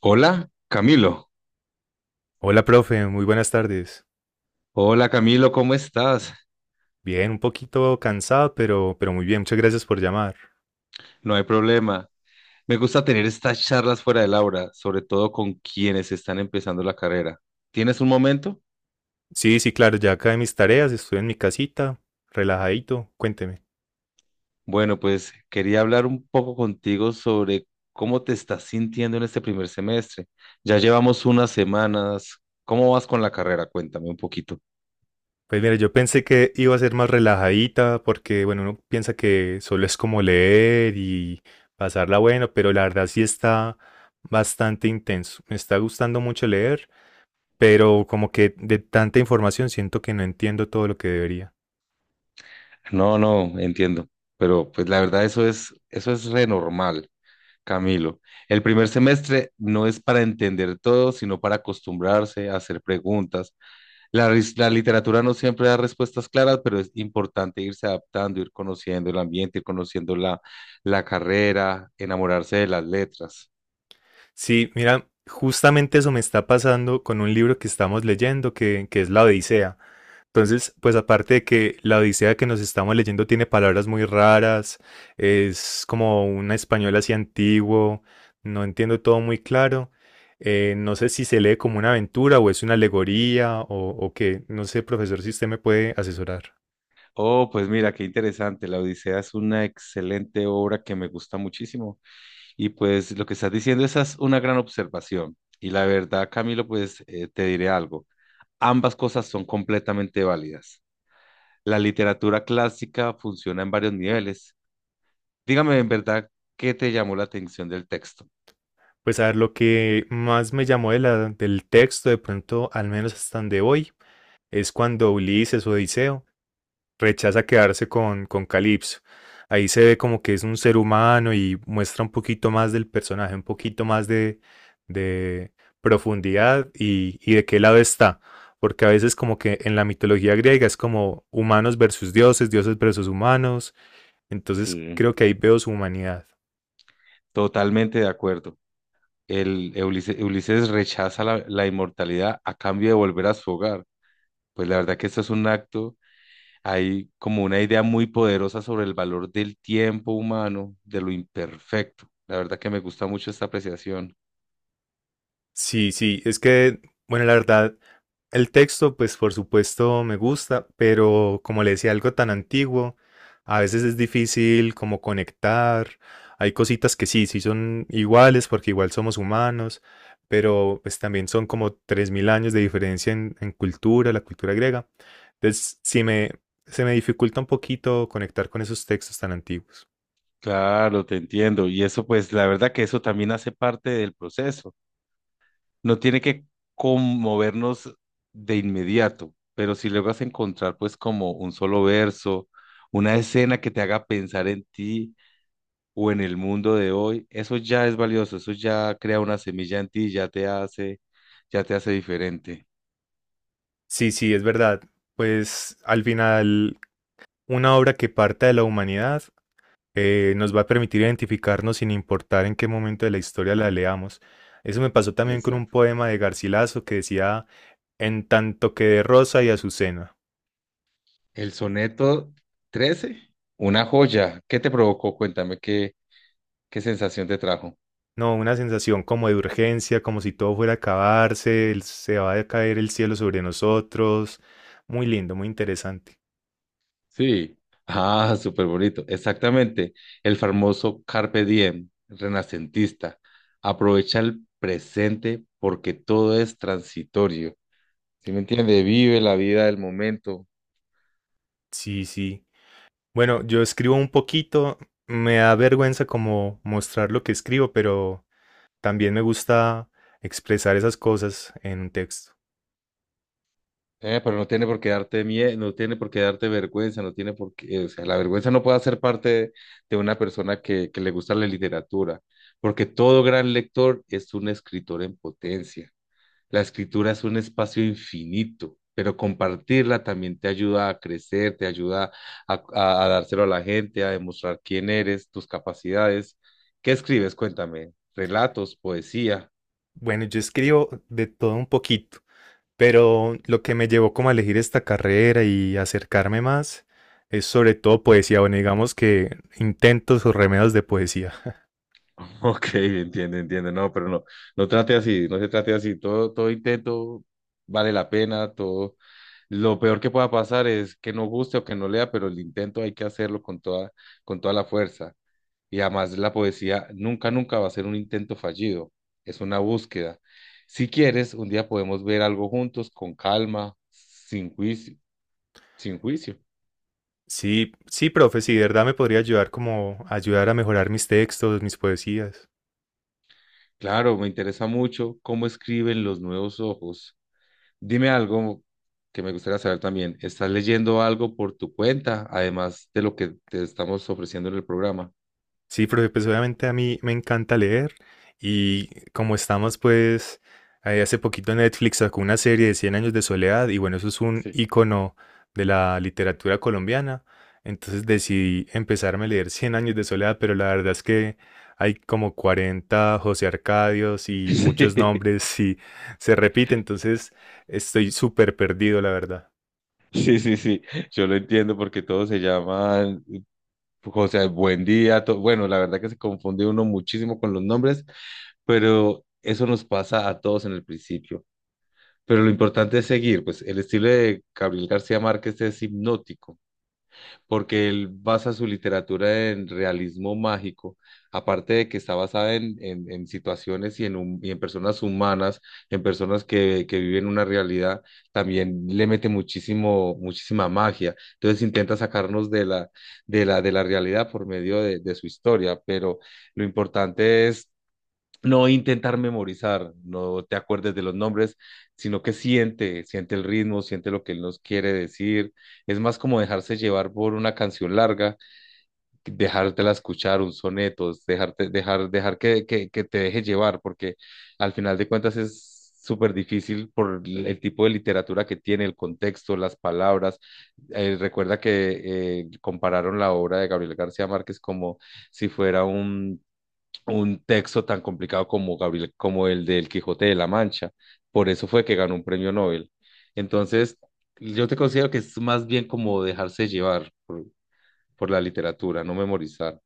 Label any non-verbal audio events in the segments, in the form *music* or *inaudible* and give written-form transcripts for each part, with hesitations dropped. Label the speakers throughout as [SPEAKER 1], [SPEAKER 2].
[SPEAKER 1] Hola, Camilo.
[SPEAKER 2] Hola, profe, muy buenas tardes.
[SPEAKER 1] Hola, Camilo, ¿cómo estás?
[SPEAKER 2] Bien, un poquito cansado, pero muy bien, muchas gracias por llamar.
[SPEAKER 1] No hay problema. Me gusta tener estas charlas fuera del aula, sobre todo con quienes están empezando la carrera. ¿Tienes un momento?
[SPEAKER 2] Sí, sí, claro, ya acabé mis tareas, estoy en mi casita, relajadito, cuénteme.
[SPEAKER 1] Bueno, pues quería hablar un poco contigo sobre cómo te estás sintiendo en este primer semestre. Ya llevamos unas semanas. ¿Cómo vas con la carrera? Cuéntame un poquito.
[SPEAKER 2] Pues mira, yo pensé que iba a ser más relajadita, porque bueno, uno piensa que solo es como leer y pasarla bueno, pero la verdad sí está bastante intenso. Me está gustando mucho leer, pero como que de tanta información siento que no entiendo todo lo que debería.
[SPEAKER 1] No, no, entiendo. Pero pues la verdad eso es re normal. Camilo, el primer semestre no es para entender todo, sino para acostumbrarse a hacer preguntas. La literatura no siempre da respuestas claras, pero es importante irse adaptando, ir conociendo el ambiente, ir conociendo la carrera, enamorarse de las letras.
[SPEAKER 2] Sí, mira, justamente eso me está pasando con un libro que estamos leyendo, que es La Odisea. Entonces, pues aparte de que la Odisea que nos estamos leyendo tiene palabras muy raras, es como un español así antiguo, no entiendo todo muy claro. No sé si se lee como una aventura o es una alegoría o qué. No sé, profesor, si usted me puede asesorar.
[SPEAKER 1] Oh, pues mira, qué interesante. La Odisea es una excelente obra que me gusta muchísimo. Y pues lo que estás diciendo, esa es una gran observación. Y la verdad, Camilo, pues te diré algo. Ambas cosas son completamente válidas. La literatura clásica funciona en varios niveles. Dígame en verdad qué te llamó la atención del texto.
[SPEAKER 2] Pues a ver, lo que más me llamó del texto, de pronto, al menos hasta donde hoy, es cuando Ulises o Odiseo rechaza quedarse con Calipso. Ahí se ve como que es un ser humano y muestra un poquito más del personaje, un poquito más de profundidad y de qué lado está. Porque a veces como que en la mitología griega es como humanos versus dioses, dioses versus humanos. Entonces
[SPEAKER 1] Sí,
[SPEAKER 2] creo que ahí veo su humanidad.
[SPEAKER 1] totalmente de acuerdo. El Ulises rechaza la inmortalidad a cambio de volver a su hogar. Pues la verdad que esto es un acto, hay como una idea muy poderosa sobre el valor del tiempo humano, de lo imperfecto. La verdad que me gusta mucho esta apreciación.
[SPEAKER 2] Sí, sí, es que, bueno, la verdad, el texto, pues por supuesto me gusta, pero como le decía, algo tan antiguo, a veces es difícil como conectar. Hay cositas que sí, sí son iguales porque igual somos humanos, pero pues también son como 3.000 años de diferencia en cultura, la cultura griega. Entonces, se me dificulta un poquito conectar con esos textos tan antiguos.
[SPEAKER 1] Claro, te entiendo. Y eso, pues, la verdad que eso también hace parte del proceso. No tiene que conmovernos de inmediato, pero si logras encontrar pues como un solo verso, una escena que te haga pensar en ti o en el mundo de hoy, eso ya es valioso, eso ya crea una semilla en ti, ya te hace diferente.
[SPEAKER 2] Sí, sí, es verdad. Pues al final, una obra que parta de la humanidad nos va a permitir identificarnos sin importar en qué momento de la historia la leamos. Eso me pasó también con un
[SPEAKER 1] Exacto.
[SPEAKER 2] poema de Garcilaso que decía, en tanto que de Rosa y Azucena.
[SPEAKER 1] El soneto 13, una joya. ¿Qué te provocó? Cuéntame qué sensación te trajo.
[SPEAKER 2] No, una sensación como de urgencia, como si todo fuera a acabarse, se va a caer el cielo sobre nosotros. Muy lindo, muy interesante.
[SPEAKER 1] Sí. Ah, súper bonito. Exactamente. El famoso Carpe Diem, renacentista. Aprovecha el presente porque todo es transitorio. ¿Sí me entiende? Vive la vida del momento.
[SPEAKER 2] Sí, sí. Bueno, yo escribo un poquito, me da vergüenza como mostrar lo que escribo, pero también me gusta expresar esas cosas en un texto.
[SPEAKER 1] Pero no tiene por qué darte miedo, no tiene por qué darte vergüenza, no tiene por qué, o sea, la vergüenza no puede ser parte de una persona que le gusta la literatura, porque todo gran lector es un escritor en potencia. La escritura es un espacio infinito, pero compartirla también te ayuda a crecer, te ayuda a dárselo a la gente, a demostrar quién eres, tus capacidades. ¿Qué escribes? Cuéntame. ¿Relatos, poesía?
[SPEAKER 2] Bueno, yo escribo de todo un poquito, pero lo que me llevó como a elegir esta carrera y acercarme más es sobre todo poesía, bueno, digamos que intentos o remedios de poesía.
[SPEAKER 1] *laughs* Ok, entiendo, entiendo. No, pero no trate así, no se trate así. Todo intento vale la pena, todo. Lo peor que pueda pasar es que no guste o que no lea, pero el intento hay que hacerlo con toda la fuerza. Y además la poesía nunca, nunca va a ser un intento fallido, es una búsqueda. Si quieres, un día podemos ver algo juntos, con calma, sin juicio.
[SPEAKER 2] Sí, sí, profe, sí, de verdad me podría ayudar como a ayudar a mejorar mis textos, mis poesías.
[SPEAKER 1] Claro, me interesa mucho cómo escriben los nuevos ojos. Dime algo que me gustaría saber también. ¿Estás leyendo algo por tu cuenta, además de lo que te estamos ofreciendo en el programa?
[SPEAKER 2] Sí, profe, pues obviamente a mí me encanta leer y como estamos pues hace poquito Netflix sacó una serie de Cien años de soledad y bueno, eso es un
[SPEAKER 1] Sí.
[SPEAKER 2] icono de la literatura colombiana, entonces decidí empezarme a leer Cien años de soledad, pero la verdad es que hay como 40 José Arcadios y muchos
[SPEAKER 1] *laughs*
[SPEAKER 2] nombres y se repite, entonces estoy súper perdido, la verdad.
[SPEAKER 1] Sí, sí, sí, sí, yo lo entiendo porque todos se llaman José, buen día. Bueno, la verdad que se confunde uno muchísimo con los nombres, pero eso nos pasa a todos en el principio. Pero lo importante es seguir, pues el estilo de Gabriel García Márquez es hipnótico porque él basa su literatura en realismo mágico, aparte de que está basada en situaciones y en personas humanas, en personas que viven una realidad, también le mete muchísimo, muchísima magia. Entonces intenta sacarnos de la realidad por medio de su historia, pero lo importante es no intentar memorizar, no te acuerdes de los nombres, sino que siente, siente el ritmo, siente lo que él nos quiere decir. Es más como dejarse llevar por una canción larga, dejártela escuchar, un soneto, es dejarte, dejar que, que te deje llevar, porque al final de cuentas es súper difícil por el tipo de literatura que tiene, el contexto, las palabras. Recuerda que compararon la obra de Gabriel García Márquez como si fuera un texto tan complicado como Gabriel, como el del Quijote de la Mancha. Por eso fue que ganó un premio Nobel. Entonces, yo te considero que es más bien como dejarse llevar por la literatura, no memorizar.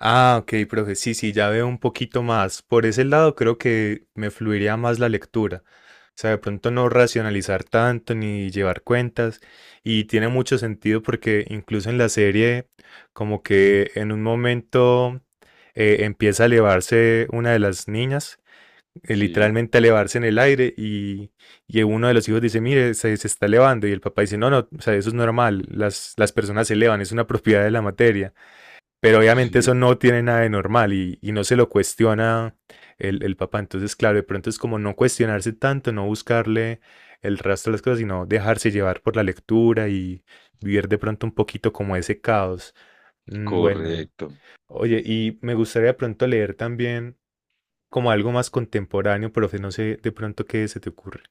[SPEAKER 2] Ah, ok, profe, sí, sí, ya veo un poquito más. Por ese lado creo que me fluiría más la lectura. O sea, de pronto no racionalizar tanto ni llevar cuentas. Y tiene mucho sentido porque incluso en la serie, como que en un momento empieza a elevarse una de las niñas,
[SPEAKER 1] Sí,
[SPEAKER 2] literalmente a elevarse en el aire y uno de los hijos dice, mire, se está elevando. Y el papá dice, no, no, o sea, eso es normal, las personas se elevan, es una *laughs* propiedad de la materia. Pero obviamente eso
[SPEAKER 1] *laughs*
[SPEAKER 2] no tiene nada de normal y no se lo cuestiona el papá. Entonces, claro, de pronto es como no cuestionarse tanto, no buscarle el rastro de las cosas, sino dejarse llevar por la lectura y vivir de pronto un poquito como ese caos. Mm, bueno,
[SPEAKER 1] correcto.
[SPEAKER 2] oye, y me gustaría de pronto leer también como algo más contemporáneo, profe, no sé de pronto qué se te ocurre.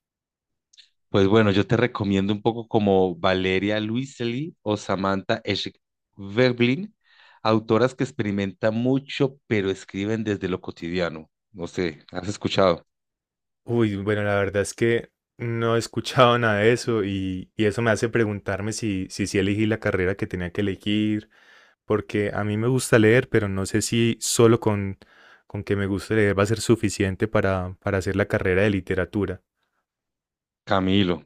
[SPEAKER 1] Pues bueno, yo te recomiendo un poco como Valeria Luiselli o Samantha Schweblin, autoras que experimentan mucho, pero escriben desde lo cotidiano. No sé, ¿has escuchado?
[SPEAKER 2] Uy, bueno, la verdad es que no he escuchado *laughs* nada de eso y eso me hace preguntarme si sí elegí la carrera que tenía que elegir, porque a mí me gusta leer, pero no sé si solo con que me guste leer va a ser suficiente para hacer la carrera de literatura.
[SPEAKER 1] Camilo,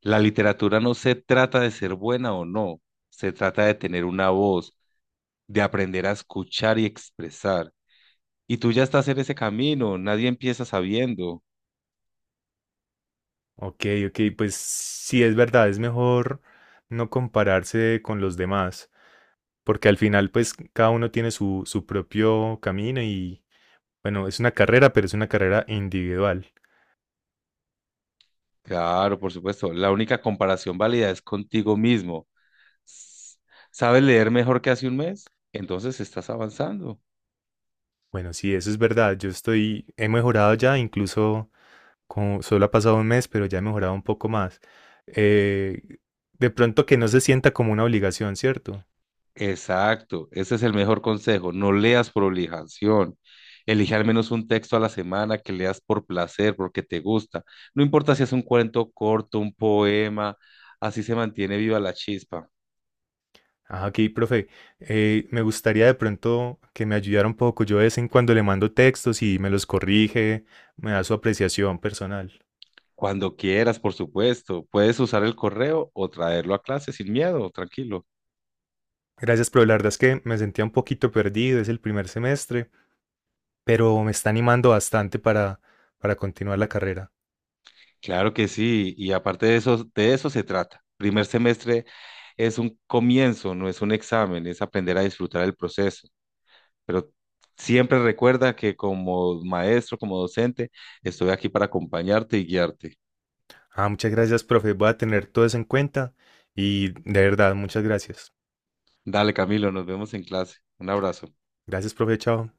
[SPEAKER 1] la literatura no se trata de ser buena o no, se trata de tener una voz, de aprender a escuchar y expresar. Y tú ya estás en ese camino, nadie empieza sabiendo.
[SPEAKER 2] Ok, ok, pues sí es verdad, es mejor no compararse con los demás, porque al final pues cada uno tiene su propio camino y bueno, es una carrera, pero es una carrera individual.
[SPEAKER 1] Claro, por supuesto, la única comparación válida es contigo mismo. S- ¿Sabes leer mejor que hace un mes? Entonces estás avanzando.
[SPEAKER 2] Bueno, sí, eso es verdad. Yo estoy, he mejorado ya, incluso como solo ha pasado un mes, pero ya he mejorado un poco más. Eh, de pronto que no se sienta como una obligación, ¿cierto?
[SPEAKER 1] Exacto, ese es el mejor consejo. No leas por obligación. Elige al menos un texto a la semana que leas por placer, porque te gusta. No importa si es un cuento corto, un poema, así se mantiene viva la chispa.
[SPEAKER 2] Ajá, aquí, profe, me gustaría de pronto que me ayudara un poco. Yo de vez en cuando le mando textos y me los corrige, me da su apreciación personal.
[SPEAKER 1] Cuando quieras, por supuesto, puedes usar el correo o traerlo a clase sin miedo, tranquilo.
[SPEAKER 2] Gracias, pero la verdad es que me sentía un poquito perdido, es el primer semestre, pero me está animando bastante para continuar la carrera.
[SPEAKER 1] Claro que sí, y aparte de eso se trata. Primer semestre es un comienzo, no es un examen, es aprender a disfrutar el proceso. Pero siempre recuerda que como maestro, como docente, estoy aquí para acompañarte y guiarte.
[SPEAKER 2] Ah, muchas gracias, profe. Voy a tener todo eso en cuenta y de verdad, muchas gracias.
[SPEAKER 1] Dale, Camilo, nos vemos en clase. Un abrazo.
[SPEAKER 2] Gracias, profe. Chao.